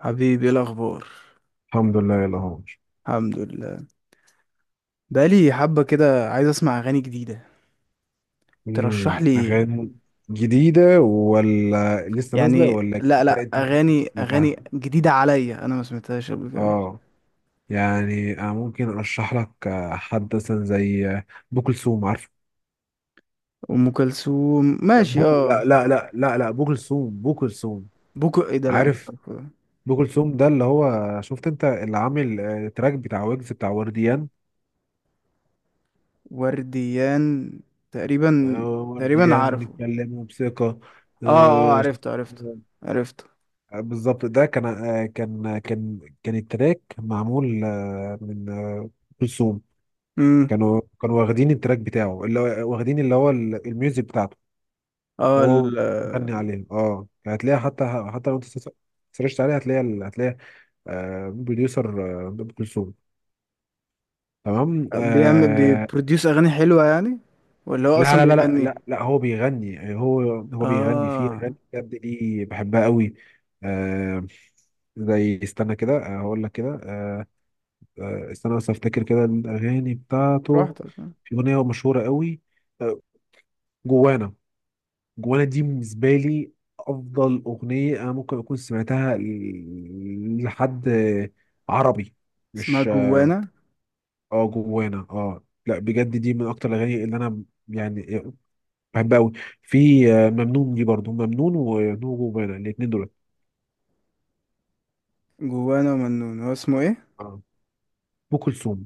حبيبي، ايه الاخبار؟ الحمد لله يلا هو. الحمد لله. بقالي حبه كده عايز اسمع اغاني جديده. ترشح لي ايه؟ أغاني جديدة ولا لسه نازلة يعني ولا لا أنت لا أنت ممكن تكون اغاني سمعتها. اغاني جديده عليا، انا ما سمعتهاش قبل كده. أه، يعني أنا ممكن أرشح لك حد مثلا زي أبو كلثوم، عارف؟ ام كلثوم، لا، ماشي بو، اه. لا لا لا لا لا، أبو كلثوم، أبو كلثوم. بوكو ايه ده؟ لا مش عارف عارفه. أبو كلثوم ده اللي هو، شفت أنت اللي عامل تراك بتاع ويجز بتاع ورديان؟ ورديان. تقريبا. تقريبا ورديان، عارفه. نتكلم بثقة. اه اه آه، عرفته عرفته عرفته. بالظبط. ده كان كان التراك معمول من كلثوم. امم. كانوا واخدين التراك بتاعه، اللي هو واخدين اللي هو الميوزك بتاعته، اه وهو ال- مغني عليه. اه يعني هتلاقيها، حتى لو انت سرشت عليها، هتلاقي بروديوسر ام كلثوم. تمام. بيعمل آه. بيبروديوس اغاني حلوه يعني؟ ولا هو اصلا لا لا لا لا بيغني؟ لا لا، هو بيغني يعني، هو بيغني. فيه اه، اغاني بجد دي بحبها قوي. آه. زي، استنى كده، هقول لك كده. استنى بس افتكر كده الاغاني بتاعته. براحتك. في اغنيه مشهوره قوي، آه، جوانا. جوانا دي بالنسبه لي افضل اغنيه انا ممكن اكون سمعتها لحد عربي، اسمها مش... جوانا. اه جوانا، اه. لا بجد دي من اكتر الاغاني اللي انا يعني بحبها قوي. في ممنون، دي برضو ممنون وجوانا، الاثنين دول. جوانا ومنون، هو اسمه ايه؟ آه. ام كلثوم.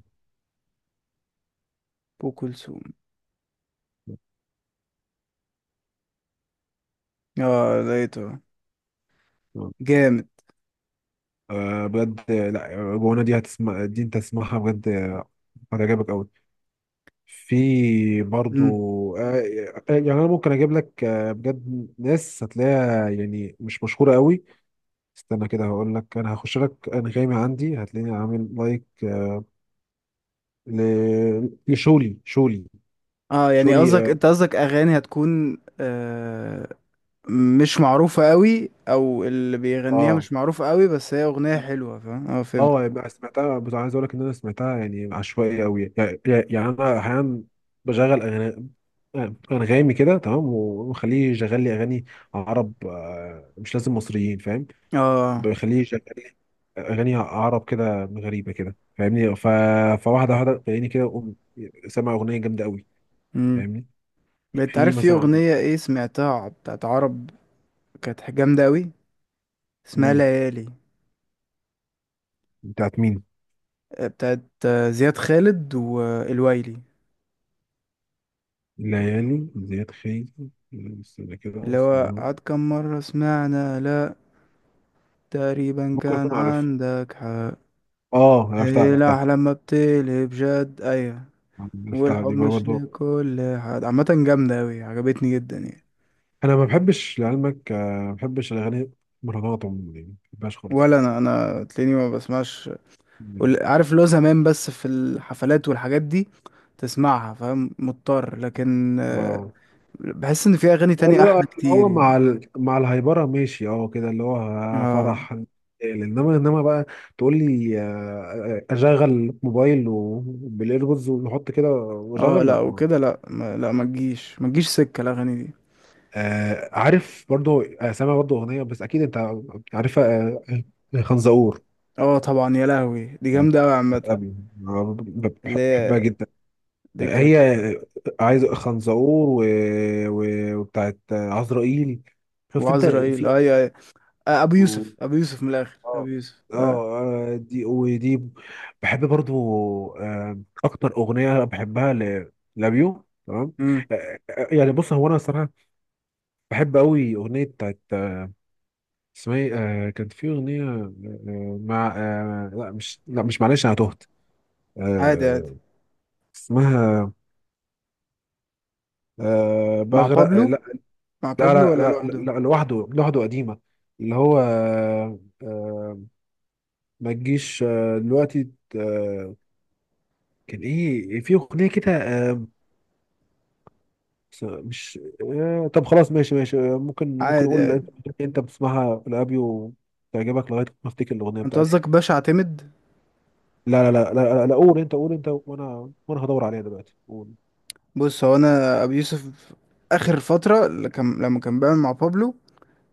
ابو كلثوم. اه لقيته. جامد. بجد. لا جوانا دي هتسمع دي، انت تسمعها بجد هتعجبك قوي. في برضو. مم. آه، يعني انا ممكن اجيب لك بجد ناس هتلاقيها يعني مش مشهوره قوي. استنى كده هقول لك، انا هخش لك انغامي عندي، هتلاقيني عامل لايك لشولي، شولي. اه يعني شولي، قصدك اه. انت قصدك اغاني هتكون مش معروفة قوي، او اللي بيغنيها اه مش معروفة قوي، بس هي اغنية حلوة. فاهم، اه فهمت. يعني سمعتها، بس عايز اقول لك ان انا سمعتها يعني عشوائي قوي يعني، يعني انا احيانا بشغل أغاني- انغامي كده تمام، وخليه يشغل لي اغاني عرب، مش لازم مصريين، فاهم. اه. بيخليه يشغل لي اغاني عرب كده غريبه كده، فاهمني. ف... فواحده واحده تلاقيني كده أقوم سامع اغنيه جامده قوي، امم. فاهمني. انت في عارف في مثلا. اغنية ايه سمعتها بتاعت عرب؟ كانت جامدة قوي. اسمها مم. ليالي. بتاعت مين؟ بتاعت زياد خالد والويلي، ليالي زياد خيري، استنى كده اللي هو اسمها. عاد كم مرة سمعنا. لا تقريبا ممكن كان اكون عارفها. عندك حق. اه عرفتها إيه عرفتها. لا، لما بتقلب جد، أيوة. عرفتها والحب دي بقى مش برضه. لكل حد، عامة جامدة أوي، عجبتني جدا يعني. انا ما بحبش لعلمك ما بحبش الاغاني مهرجانات عموما، يعني ما بحبهاش خالص. ولا أنا تلاقيني ما بسمعش. مم. عارف، لو زمان بس في الحفلات والحاجات دي تسمعها، فاهم، مضطر. لكن واو. بحس إن في أغاني لا، تانية أحلى اللي كتير هو مع يعني. ال... مع الهايبره، ماشي، اه كده، اللي هو اه فرح. انما، انما بقى تقول لي اشغل موبايل بالايربودز ونحط كده اه واشغل، لا لا ما. وكده، لا ما لا ما تجيش، ما تجيش سكة الأغاني دي. آه عارف. برضو سامع برضو اغنيه، بس اكيد انت عارفها، خنزقور، اه طبعا، يا لهوي دي جامدة أوي بتاعت عامة. أبي. اللي بحبها هي جدا. دكة. هي عايز خنزقور و... و... وبتاعت عزرائيل. شفت انت وعزرائيل، في. أيوة أيوة. ابو يوسف، ابو يوسف من الاخر، ابو اه. يوسف اه آه. دي ودي بحب برضو. اكتر اغنيه بحبها لابيو. تمام. امم. يعني، بص، هو انا الصراحه بحب قوي اغنيه بتاعت اسمها ايه. كان في اغنيه مع لا مش، لا مش، معلش انا تهت. عادي عادي. آه، اسمها مع بغرق. لا. بابلو. مع لا بابلو ولا لا لا لوحده؟ لا، لوحده، لوحده قديمه، اللي هو ما تجيش دلوقتي. آه، كان ايه؟ في اغنيه كده بس مش... طب خلاص، ماشي ماشي. ممكن، ممكن عادي اقول اللي عادي. انت بتسمعها لابي وتعجبك، لغايه ما افتكر الاغنيه انت بتاعتي. قصدك باشا اعتمد؟ لا لا لا لا, لا, لا، قول انت. قول انت، وانا، وانا هدور عليها دلوقتي. قول. بص هو انا ابو يوسف. اخر فتره اللي لما كان بيعمل مع بابلو،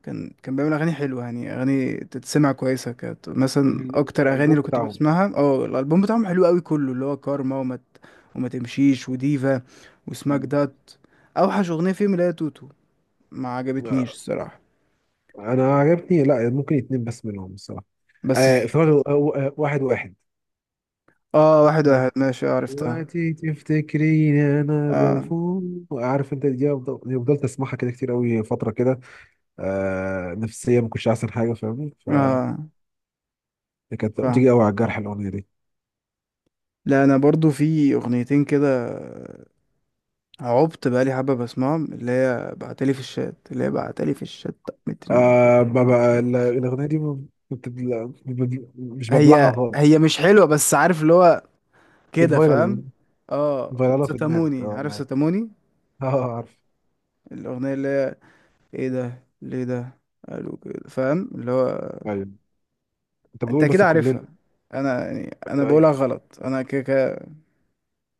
كان بيعمل اغاني حلوه يعني، اغاني تتسمع كويسه. كانت مثلا ال- اكتر اغاني الالبوم اللي كنت بتاعهم. بسمعها. اه الالبوم بتاعهم حلو قوي كله، اللي هو كارما، وما تمشيش، وديفا، وسماك مم. دات. اوحش اغنيه فيهم اللي هي توتو، ما عجبتنيش آه، الصراحه. انا عجبني، لا، ممكن اتنين بس منهم الصراحه. آه بس. افتكرت. واحد واحد. اه واحد ما واحد ماشي، عرفتها. دلوقتي تفتكريني انا اه بفوق. عارف انت دي أفضل- دي فضلت اسمعها كده كتير قوي فتره كده. آه نفسيه، ما كنتش احسن حاجه، فاهمني. اه كانت بتيجي فاهم. قوي على الجرح الاغنيه دي. لا انا برضو في اغنيتين كده عبت بقالي حبه بسمعهم، اللي هي بعتلي في الشات اللي هي بعتلي في الشات مترين. آه ما بقى ال- الاغنيه دي ما بت- لا، بب- مش هي ببلعها خالص. هي مش حلوه، بس عارف اللي هو كده، فاهم. بتفايرل. اه فايرالها في دماغك، وستاموني، اه عارف أنا عارف. ستاموني؟ اه عارف. الاغنيه اللي هي ايه ده؟ ليه ده قالوا كده؟ فاهم اللي هو. ايوه. انت انت بتقول بس كده عارفها. يعني انا ايوه ايوه، بقولها غلط، انا كده كده.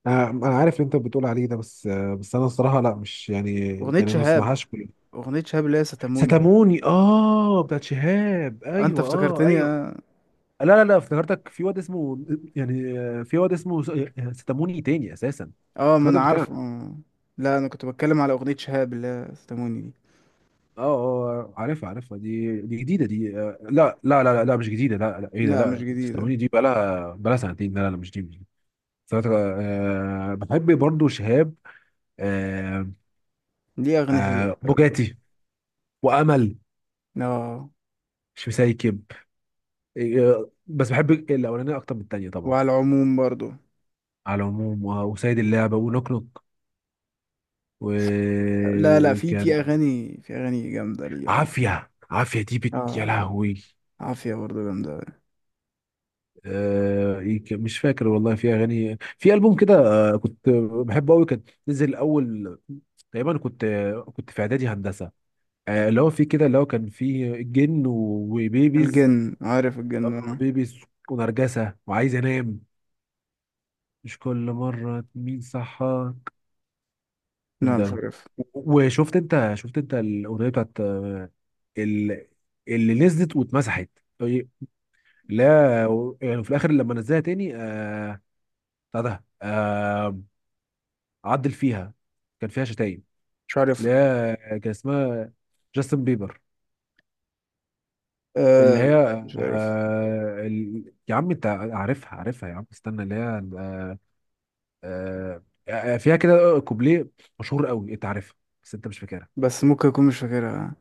انا عارف اللي انت بتقول عليه ده، بس بس انا الصراحه لا، مش يعني، اغنيه يعني ما شهاب. اسمعهاش كل. اغنيه شهاب اللي هي ستاموني. ستاموني، اه، بتاعت شهاب، انت ايوه، اه افتكرتني ايوه. اه. لا لا لا، افتكرتك في واد اسمه، يعني في واد اسمه ستاموني تاني اساسا. ما انا افتكرتك بتتكلم. عارفه. لا انا كنت بتكلم على اغنية شهاب اللي هي استموني دي. اه اه، عارفها عارفها. دي دي جديده دي. لا لا لا لا لا، مش جديده. لا لا. ايه ده؟ لا مش لا جديدة. تستمعني، دي بقالها سنتين. لا لا لا، مش دي، مش دي. سنة- آه بحب برضو شهاب. آه. دي اغنية حلوة آه، شهاب. بوجاتي وامل، اه مش مسايكب. آه بس بحب الاولانيه اكتر من التانيه طبعا. وعلى العموم برضو. على العموم وسيد اللعبه، ونوك نوك، لا لا في وكان. اغاني جامدة ليه يا عم. عافيه، عافيه دي بت يا اه لهوي. عافية برضو جامدة أوي. مش فاكر والله. في اغاني في البوم كده كنت بحبه قوي. كان نزل اول. تقريبا كنت، كنت في اعدادي هندسه. اللي هو فيه كده، اللي هو كان فيه الجن وبيبيز، الجن، عارف الجن انا؟ بيبيز ونرجسه وعايز انام، مش كل مره مين صحى لا مش ده. عارف. وشفت انت، شفت انت الاغنيه بتاعت ال- اللي نزلت واتمسحت؟ طيب، لا يعني، في الاخر لما نزلها تاني، آه، بتاع ده عدل فيها، كان فيها شتايم. مش عارف. اللي هي كان اسمها جاستن بيبر. اللي آه لا، هي مش عارف. يا عم انت عارفها عارفها يا عم، استنى. اللي هي آه آه فيها كده كوبليه مشهور قوي، انت عارفها بس انت مش فاكرها. بس ممكن اكون مش فاكرها.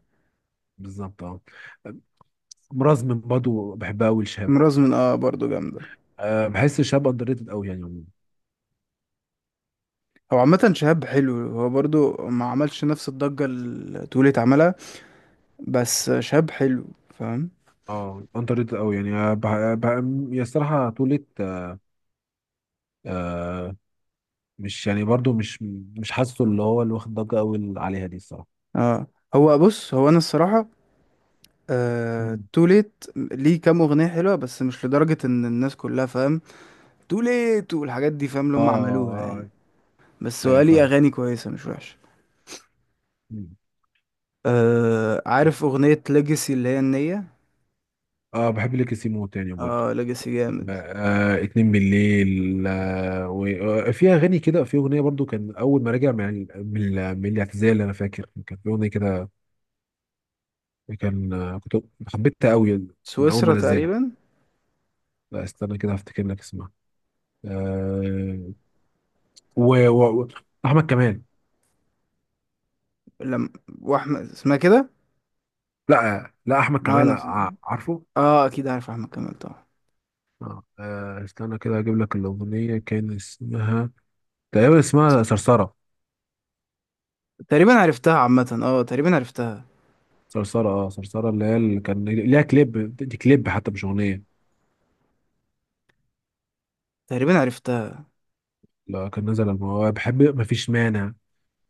بالظبط اه. مرازم برضه بحبها قوي لشهاب. امراض من، اه برضو جامدة. آه بحس شهاب اندر ريتد قوي يعني عموماً. هو عامة شهاب حلو، هو برضو ما عملش نفس الضجة اللي تقولي اتعملها. بس شاب حلو. فاهم. اه، اندر ريتد قوي يعني يا الصراحه طولت. آه. مش يعني برضو، مش، مش حاسه اللي هو اللي واخد ضجه قوي عليها دي الصراحه. اه هو بص، هو انا الصراحه مم. تو ليت ليه كام اغنيه حلوه، بس مش لدرجه ان الناس كلها فاهم تو ليت والحاجات دي، فاهم اللي اه. هم عملوها يعني. بس هو ايوه ليه فاهم. اغاني كويسه مش وحشه. مم. عارف اغنيه ليجاسي اللي هي النيه؟ اه بحب ليك سيمو تاني برضو. اه ليجاسي جامد. آه، اتنين بالليل. آه، وفي اغاني كده، في اغنيه برضو كان اول ما راجع من من الاعتزال. انا فاكر كان في اغنيه كده، كان كنت حبيتها قوي من اول ما سويسرا نزلها. تقريبا. لا، استنى كده هفتكر لك اسمها. آه. و, و, و احمد كمال. لم. واحمد اسمها كده. لا لا، احمد اه كمال انا، عارفه. اه اكيد عارف احمد كمال طبعا. آه، استنى كده اجيب لك الاغنيه، كان اسمها تقريبا، اسمها صرصره. تقريبا عرفتها عامه، اه تقريبا عرفتها. صرصرة، اه صرصرة، اللي هي اللي كان ليها كليب، دي كليب حتى مش أغنية. تقريبا عرفتها. لا، كان نزل الموضوع. بحب مفيش مانع،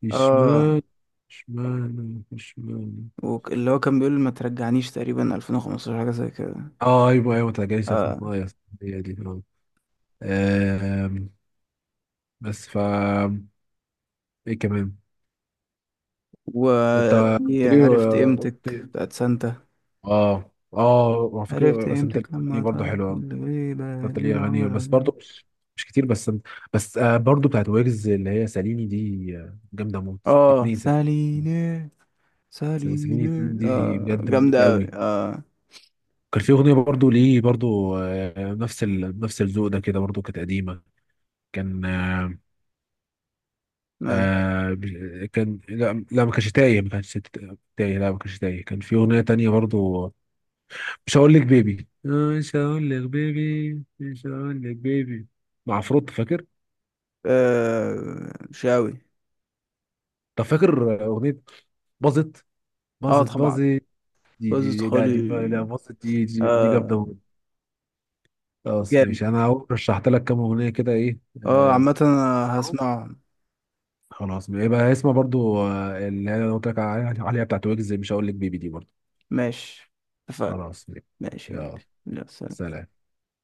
مفيش اه مانع، مفيش مانع، مفيش مانع. اللي هو كان بيقول ما ترجعنيش تقريبا 2015 حاجة زي كده. اه ايوه ايوه، تلاقيني سالفة في اه المية. هي دي اه. آم، بس ف، ايه كمان؟ انت قلت وفي لي عرفت آه، قلت قيمتك لي- بتاعت سانتا. اه اه. وعلى عرفت فكرة بس انت قيمتك الاغاني لما برضه طارت حلوة. الغيبة انت ليه ليلة اغاني ورا بس ليلة. برضه، مش، مش كتير، بس بس آه، برضه بتاعت ويجز اللي هي ساليني دي، جامدة موت. اه اتنين ساليني. ساليني. سيرين ساليني اتنين دي اه بجد مليكة جامدة أوي قوي. اه. كان في اغنيه برضو ليه برضو نفس ال... نفس الذوق ده كده، برضو كانت قديمه. كان يعني كان، لا لا، ما كانش تايه. ما كانش ت- تايه لا ما كانش تايه. كان في اغنيه تانية برضو، مش هقول لك بيبي، مش هقول لك بيبي، مش هقول لك بيبي، مع فروت، فاكر؟ شاوي. طب فاكر اغنيه باظت، اه باظت، طبعا، باظت؟ بس دي لا، دي خالي. لا باظت، دي دي, دي اه جامده موت. خلاص جامد. ماشي. انا أهو رشحت لك كام اغنيه كده، ايه اه آه. عامة أنا اهو. هسمعهم. خلاص، يبقى اسمها برضو اللي انا قلت لك عليها بتاعت ويجز، مش هقول لك بيبي دي برضو. ماشي. اتفقنا. خلاص، ماشي يا يلا، قلبي. لا، سلام. سلام.